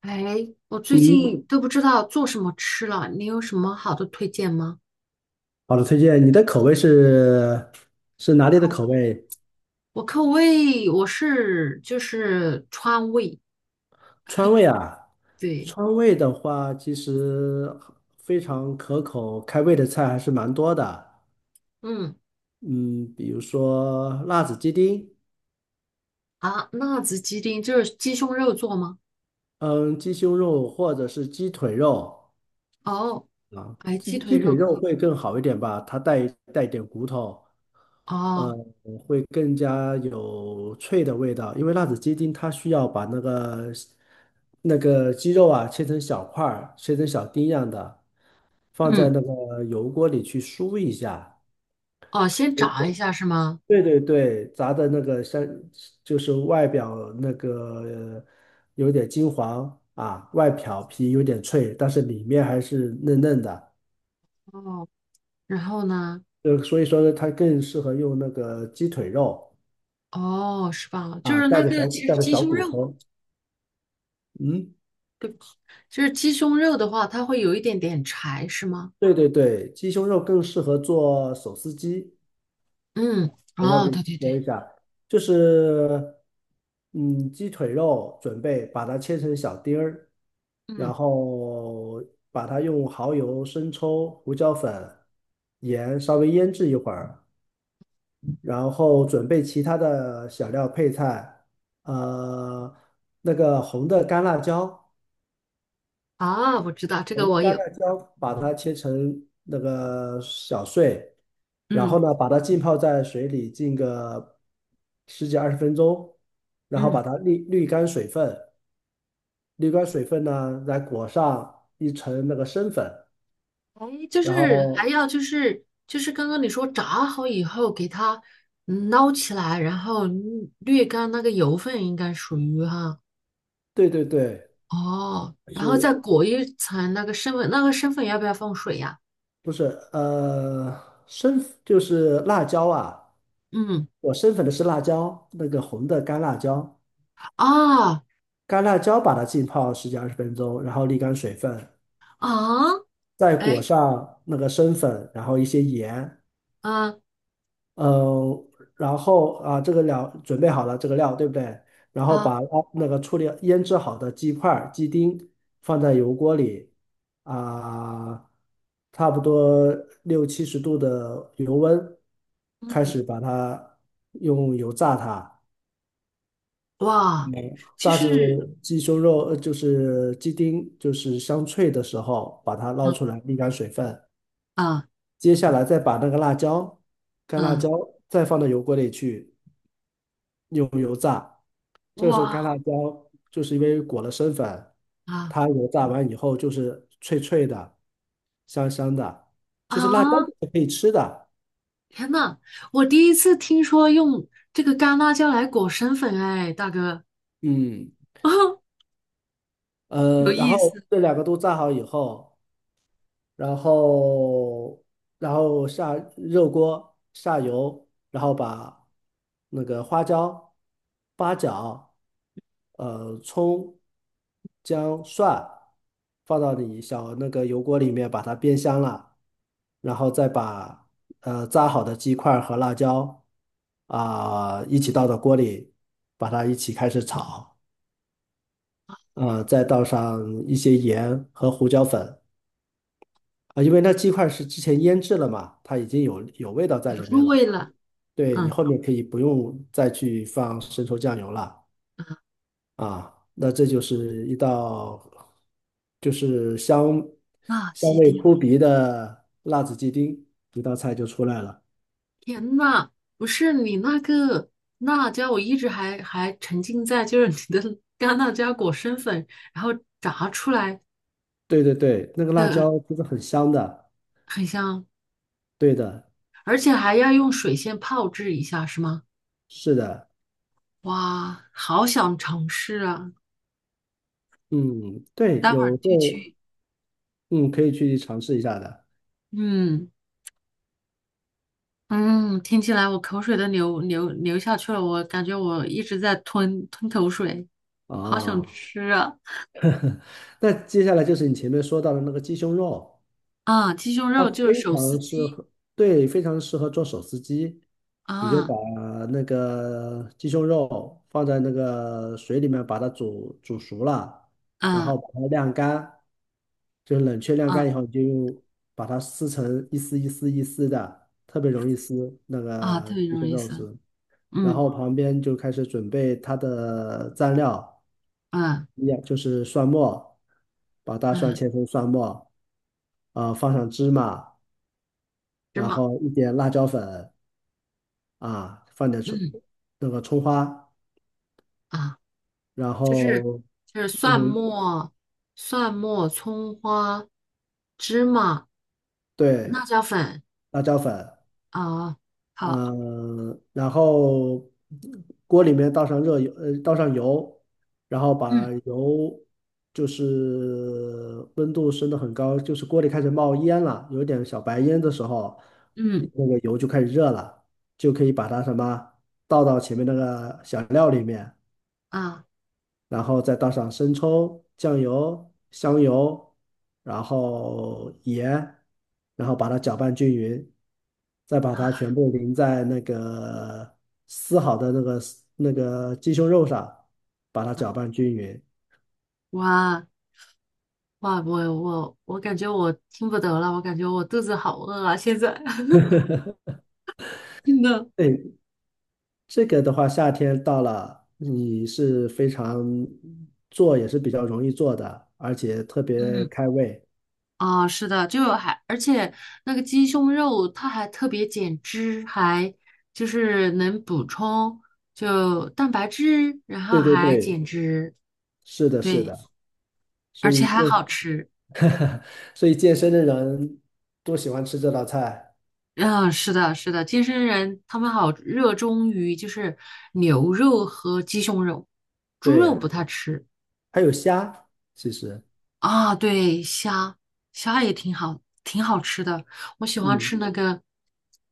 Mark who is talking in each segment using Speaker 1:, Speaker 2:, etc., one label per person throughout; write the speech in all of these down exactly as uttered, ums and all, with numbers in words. Speaker 1: 哎，我最
Speaker 2: 嗯，
Speaker 1: 近都不知道做什么吃了，你有什么好的推荐吗？
Speaker 2: 好的，推荐你的口味是是哪里的
Speaker 1: 口，
Speaker 2: 口味？
Speaker 1: 我口味我是就是川味。
Speaker 2: 川味啊，
Speaker 1: 对。
Speaker 2: 川味的话，其实非常可口，开胃的菜还是蛮多的。
Speaker 1: 嗯
Speaker 2: 嗯，比如说辣子鸡丁，
Speaker 1: 啊，辣子鸡丁就是鸡胸肉做吗？
Speaker 2: 嗯，鸡胸肉或者是鸡腿肉，
Speaker 1: 哦，
Speaker 2: 啊，
Speaker 1: 哎，鸡
Speaker 2: 鸡
Speaker 1: 腿
Speaker 2: 鸡
Speaker 1: 肉
Speaker 2: 腿
Speaker 1: 可
Speaker 2: 肉
Speaker 1: 以。
Speaker 2: 会更好一点吧，它带带点骨头，呃，
Speaker 1: 哦。
Speaker 2: 会更加有脆的味道。因为辣子鸡丁它需要把那个那个鸡肉啊切成小块儿，切成小丁样的，放
Speaker 1: 嗯。
Speaker 2: 在那个油锅里去酥一下。
Speaker 1: 哦，先
Speaker 2: 呃
Speaker 1: 炸一下是吗？
Speaker 2: 对对对，炸的那个像就是外表那个有点金黄啊，外表皮有点脆，但是里面还是嫩嫩的。
Speaker 1: 哦，然后呢？
Speaker 2: 呃，所以说呢，它更适合用那个鸡腿肉
Speaker 1: 哦，是吧？就
Speaker 2: 啊，
Speaker 1: 是
Speaker 2: 带
Speaker 1: 那
Speaker 2: 着
Speaker 1: 个，
Speaker 2: 小
Speaker 1: 其
Speaker 2: 带
Speaker 1: 实
Speaker 2: 着
Speaker 1: 鸡
Speaker 2: 小
Speaker 1: 胸
Speaker 2: 骨
Speaker 1: 肉，
Speaker 2: 头。嗯，
Speaker 1: 就是鸡胸肉的话，它会有一点点柴，是吗？
Speaker 2: 对对对，鸡胸肉更适合做手撕鸡。
Speaker 1: 嗯，
Speaker 2: 等一下我
Speaker 1: 哦，
Speaker 2: 给你
Speaker 1: 对对对。
Speaker 2: 说一下，就是嗯，鸡腿肉准备把它切成小丁儿，
Speaker 1: 嗯。
Speaker 2: 然后把它用蚝油、生抽、胡椒粉、盐稍微腌制一会儿，然后准备其他的小料配菜，呃，那个红的干辣椒。
Speaker 1: 啊，我知道这
Speaker 2: 我
Speaker 1: 个
Speaker 2: 们的
Speaker 1: 我
Speaker 2: 干
Speaker 1: 有。
Speaker 2: 辣椒把它切成那个小碎，然后
Speaker 1: 嗯
Speaker 2: 呢，把它浸泡在水里浸个十几二十分钟，然后
Speaker 1: 嗯。
Speaker 2: 把它沥沥干水分，沥干水分呢，再裹上一层那个生粉，
Speaker 1: 哎，就
Speaker 2: 然
Speaker 1: 是还
Speaker 2: 后
Speaker 1: 要就是就是刚刚你说炸好以后给它嗯捞起来，然后滤略干那个油分，应该属于哈。
Speaker 2: 对对对，
Speaker 1: 哦，然后再
Speaker 2: 是
Speaker 1: 裹一层那个生粉，那个生粉要不要放水呀？
Speaker 2: 不是呃生就是辣椒啊？
Speaker 1: 嗯。
Speaker 2: 我生粉的是辣椒，那个红的干辣椒，
Speaker 1: 啊。
Speaker 2: 干辣椒把它浸泡十几二十分钟，然后沥干水分。
Speaker 1: 啊，
Speaker 2: 再裹
Speaker 1: 哎。
Speaker 2: 上那个生粉，然后一些盐，
Speaker 1: 啊
Speaker 2: 嗯，然后啊，这个料准备好了，这个料对不对？然后
Speaker 1: 啊
Speaker 2: 把捞那个处理腌制好的鸡块儿、鸡丁放在油锅里，啊，差不多六七十度的油温，开
Speaker 1: 嗯
Speaker 2: 始把它用油炸它，
Speaker 1: 哇。
Speaker 2: 嗯
Speaker 1: 就
Speaker 2: 炸至
Speaker 1: 是。
Speaker 2: 鸡胸肉，呃，就是鸡丁就是香脆的时候，把它捞出
Speaker 1: 嗯
Speaker 2: 来沥干水分。
Speaker 1: 嗯
Speaker 2: 接下来再把那个辣椒，干辣
Speaker 1: 嗯
Speaker 2: 椒再放到油锅里去，用油炸。这个时候干辣
Speaker 1: 哇。
Speaker 2: 椒就是因为裹了生粉，
Speaker 1: 啊。
Speaker 2: 它油炸完以后就是脆脆的、香香的，就是辣椒就
Speaker 1: 啊，
Speaker 2: 是可以吃的。
Speaker 1: 天呐，我第一次听说用这个干辣椒来裹生粉。哎，大哥，
Speaker 2: 嗯，
Speaker 1: 有
Speaker 2: 呃，然
Speaker 1: 意
Speaker 2: 后
Speaker 1: 思。
Speaker 2: 这两个都炸好以后。然后然后下热锅下油，然后把那个花椒、八角、呃葱、姜、蒜放到你小那个油锅里面，把它煸香了，然后再把呃炸好的鸡块和辣椒啊、一起倒到锅里，把它一起开始炒，呃，再倒上一些盐和胡椒粉。啊，因为那鸡块是之前腌制了嘛，它已经有有味道在
Speaker 1: 有
Speaker 2: 里
Speaker 1: 入
Speaker 2: 面了。
Speaker 1: 味了。
Speaker 2: 对，你
Speaker 1: 嗯。
Speaker 2: 后面可以不用再去放生抽酱油了
Speaker 1: 嗯，
Speaker 2: 啊。那这就是一道就是香
Speaker 1: 辣
Speaker 2: 香
Speaker 1: 鸡
Speaker 2: 味
Speaker 1: 丁。
Speaker 2: 扑鼻的辣子鸡丁，一道菜就出来了。
Speaker 1: 天呐，不是你那个辣椒，我一直还还沉浸在就是你的干辣椒裹生粉，然后炸出来
Speaker 2: 对对对，那个辣
Speaker 1: 的
Speaker 2: 椒其实很香的。
Speaker 1: 很香。
Speaker 2: 对的，
Speaker 1: 而且还要用水先泡制一下，是吗？
Speaker 2: 是的，
Speaker 1: 哇，好想尝试啊！
Speaker 2: 嗯，对，
Speaker 1: 待会儿
Speaker 2: 有
Speaker 1: 就
Speaker 2: 空
Speaker 1: 去。
Speaker 2: 嗯可以去尝试一下的
Speaker 1: 嗯。嗯，听起来我口水都流流流下去了，我感觉我一直在吞吞口水。好想
Speaker 2: 啊。
Speaker 1: 吃啊！
Speaker 2: 那接下来就是你前面说到的那个鸡胸肉。
Speaker 1: 啊，鸡胸
Speaker 2: 它
Speaker 1: 肉就是
Speaker 2: 非
Speaker 1: 手撕
Speaker 2: 常适
Speaker 1: 鸡。
Speaker 2: 合，对，非常适合做手撕鸡。你就
Speaker 1: 啊。
Speaker 2: 把那个鸡胸肉放在那个水里面，把它煮煮熟了，然
Speaker 1: 啊
Speaker 2: 后把它晾干，就是冷却晾干
Speaker 1: 啊
Speaker 2: 以后，你就用把它撕成一丝一丝一丝的，特别容易撕那
Speaker 1: 啊，特
Speaker 2: 个
Speaker 1: 别
Speaker 2: 鸡
Speaker 1: 容
Speaker 2: 胸
Speaker 1: 易
Speaker 2: 肉
Speaker 1: 撕。
Speaker 2: 丝。然
Speaker 1: 嗯。
Speaker 2: 后旁边就开始准备它的蘸料，
Speaker 1: 嗯
Speaker 2: 一样就是蒜末，把大蒜
Speaker 1: 嗯，
Speaker 2: 切成蒜末，啊、放上芝麻。
Speaker 1: 芝
Speaker 2: 然
Speaker 1: 麻。
Speaker 2: 后一点辣椒粉啊，放点葱
Speaker 1: 嗯。
Speaker 2: 那个葱花，
Speaker 1: 啊，
Speaker 2: 然
Speaker 1: 就是
Speaker 2: 后
Speaker 1: 就是蒜
Speaker 2: 嗯，
Speaker 1: 末、蒜末、葱花、芝麻、
Speaker 2: 对
Speaker 1: 辣椒粉。
Speaker 2: 辣椒粉，
Speaker 1: 啊，好。
Speaker 2: 嗯、然后锅里面倒上热油，呃，倒上油，然后
Speaker 1: 嗯
Speaker 2: 把油就是温度升得很高，就是锅里开始冒烟了，有点小白烟的时候，
Speaker 1: 嗯
Speaker 2: 那个油就开始热了，就可以把它什么倒到前面那个小料里面。
Speaker 1: 啊
Speaker 2: 然后再倒上生抽、酱油、香油，然后盐，然后把它搅拌均匀，再把它
Speaker 1: 啊。
Speaker 2: 全部淋在那个撕好的那个那个鸡胸肉上，把它搅拌均匀。
Speaker 1: 哇。哇，我我我感觉我听不得了，我感觉我肚子好饿啊！现在 真的。
Speaker 2: 对，这个的话，夏天到了，你是非常做也是比较容易做的，而且特别
Speaker 1: 嗯。
Speaker 2: 开胃。
Speaker 1: 啊，是的，就还而且那个鸡胸肉它还特别减脂，还就是能补充就蛋白质，然后
Speaker 2: 对对
Speaker 1: 还
Speaker 2: 对，
Speaker 1: 减脂。
Speaker 2: 是的，是
Speaker 1: 对，
Speaker 2: 的，所
Speaker 1: 而且
Speaker 2: 以这
Speaker 1: 还好吃。
Speaker 2: 所以健身的人都喜欢吃这道菜。
Speaker 1: 嗯，是的，是的，健身人他们好热衷于就是牛肉和鸡胸肉，猪肉
Speaker 2: 对，
Speaker 1: 不太吃。
Speaker 2: 还有虾，其实，
Speaker 1: 啊，对，虾虾也挺好，挺好吃的。我喜欢
Speaker 2: 嗯，
Speaker 1: 吃那个，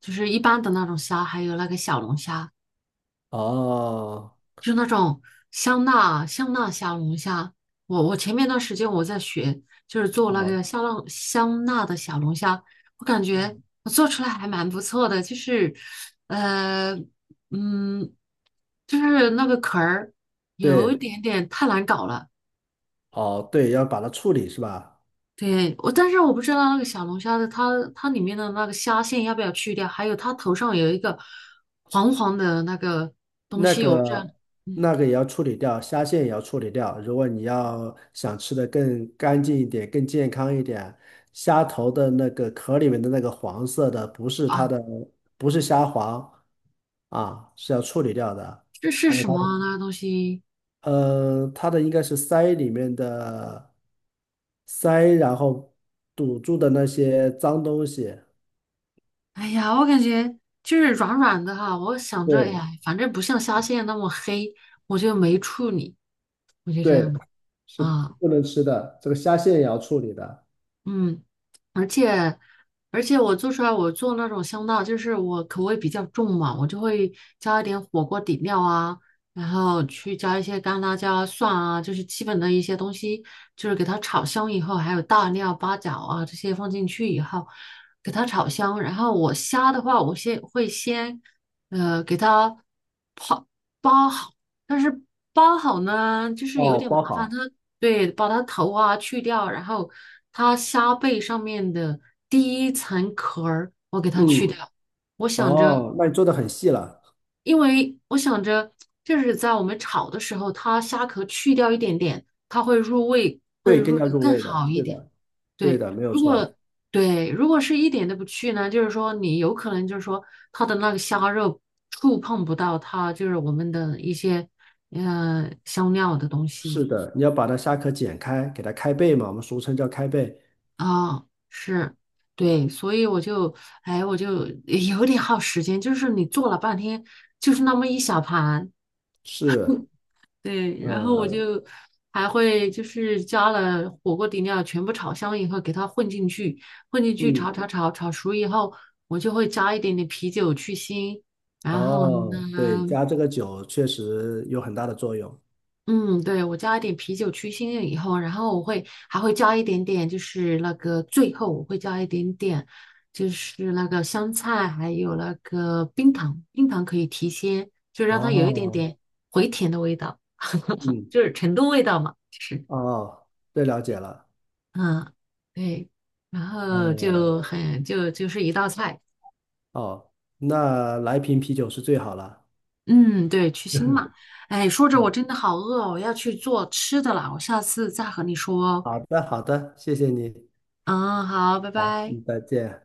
Speaker 1: 就是一般的那种虾，还有那个小龙虾，
Speaker 2: 哦，
Speaker 1: 就是那种香辣香辣小龙虾。我我前面段时间我在学，就是做那
Speaker 2: 哦，
Speaker 1: 个香辣香辣的小龙虾。我感觉
Speaker 2: 嗯，
Speaker 1: 我做出来还蛮不错的，就是呃嗯，就是那个壳儿有一
Speaker 2: 对，
Speaker 1: 点点太难搞了。
Speaker 2: 哦，对，要把它处理是吧？
Speaker 1: 对，我但是我不知道那个小龙虾的它它里面的那个虾线要不要去掉，还有它头上有一个黄黄的那个东
Speaker 2: 那
Speaker 1: 西，我不知道。
Speaker 2: 个那
Speaker 1: 嗯。
Speaker 2: 个也要处理掉，虾线也要处理掉。如果你要想吃的更干净一点、更健康一点，虾头的那个壳里面的那个黄色的，不是它
Speaker 1: 啊，
Speaker 2: 的，不是虾黄啊，是要处理掉的。
Speaker 1: 这是
Speaker 2: 还有
Speaker 1: 什
Speaker 2: 它
Speaker 1: 么啊
Speaker 2: 的
Speaker 1: 那个东西？
Speaker 2: 呃，它的应该是鳃里面的鳃，然后堵住的那些脏东西。
Speaker 1: 哎呀，我感觉就是软软的哈，我想着，哎呀，
Speaker 2: 对
Speaker 1: 反正不像虾线那么黑，我就没处理，我就这
Speaker 2: 对，
Speaker 1: 样的。
Speaker 2: 是
Speaker 1: 啊。
Speaker 2: 不能吃的。这个虾线也要处理的。
Speaker 1: 嗯。而且而且我做出来，我做那种香辣，就是我口味比较重嘛，我就会加一点火锅底料啊，然后去加一些干辣椒、蒜啊，就是基本的一些东西，就是给它炒香以后，还有大料、八角啊这些放进去以后，给它炒香。然后我虾的话，我先会先呃给它。包好，但是包好呢，就是有
Speaker 2: 哦，
Speaker 1: 点麻
Speaker 2: 包
Speaker 1: 烦。它
Speaker 2: 好。
Speaker 1: 对，把它头啊去掉，然后它虾背上面的第一层壳儿，我给它去
Speaker 2: 嗯，
Speaker 1: 掉。我想着，
Speaker 2: 哦，那你做的很细了。
Speaker 1: 因为我想着，就是在我们炒的时候，它虾壳去掉一点点，它会入味，会
Speaker 2: 对，更
Speaker 1: 入
Speaker 2: 加
Speaker 1: 得
Speaker 2: 入
Speaker 1: 更
Speaker 2: 味的。
Speaker 1: 好一
Speaker 2: 是
Speaker 1: 点。
Speaker 2: 的，对
Speaker 1: 对，
Speaker 2: 的，没有
Speaker 1: 如果
Speaker 2: 错。
Speaker 1: 对，如果是一点都不去呢，就是说你有可能就是说它的那个虾肉触碰不到它，就是我们的一些呃香料的东
Speaker 2: 是
Speaker 1: 西。
Speaker 2: 的，你要把它虾壳剪开，给它开背嘛，我们俗称叫开背。
Speaker 1: 啊，是，对，所以我就哎我就 有点耗时间，就是你做了半天，就是那么一小盘。
Speaker 2: 是，
Speaker 1: 对，然后我
Speaker 2: 呃，
Speaker 1: 就还会就是加了火锅底料，全部炒香以后给它混进去，混进去炒
Speaker 2: 嗯，
Speaker 1: 炒炒炒熟以后，我就会加一点点啤酒去腥。然后
Speaker 2: 哦，对，
Speaker 1: 呢，
Speaker 2: 加这个酒确实有很大的作用。
Speaker 1: 嗯，对，我加一点啤酒去腥了以后，然后我会还会加一点点，就是那个最后我会加一点点，就是那个香菜，还有那个冰糖，冰糖可以提鲜，就让它有一点
Speaker 2: 哦，
Speaker 1: 点回甜的味道，
Speaker 2: 嗯。
Speaker 1: 就是成都味道嘛，就是。
Speaker 2: 哦，这了解了。
Speaker 1: 嗯，对，然后
Speaker 2: 嗯，
Speaker 1: 就很就就是一道菜。
Speaker 2: 哦，那来瓶啤酒是最好了。
Speaker 1: 嗯，对，去腥嘛。哎，说着我
Speaker 2: 嗯，
Speaker 1: 真的好饿哦，我要去做吃的了，我下次再和你说哦。
Speaker 2: 好的，好的，谢谢你。
Speaker 1: 嗯，好，拜
Speaker 2: 好，
Speaker 1: 拜。
Speaker 2: 嗯，再见。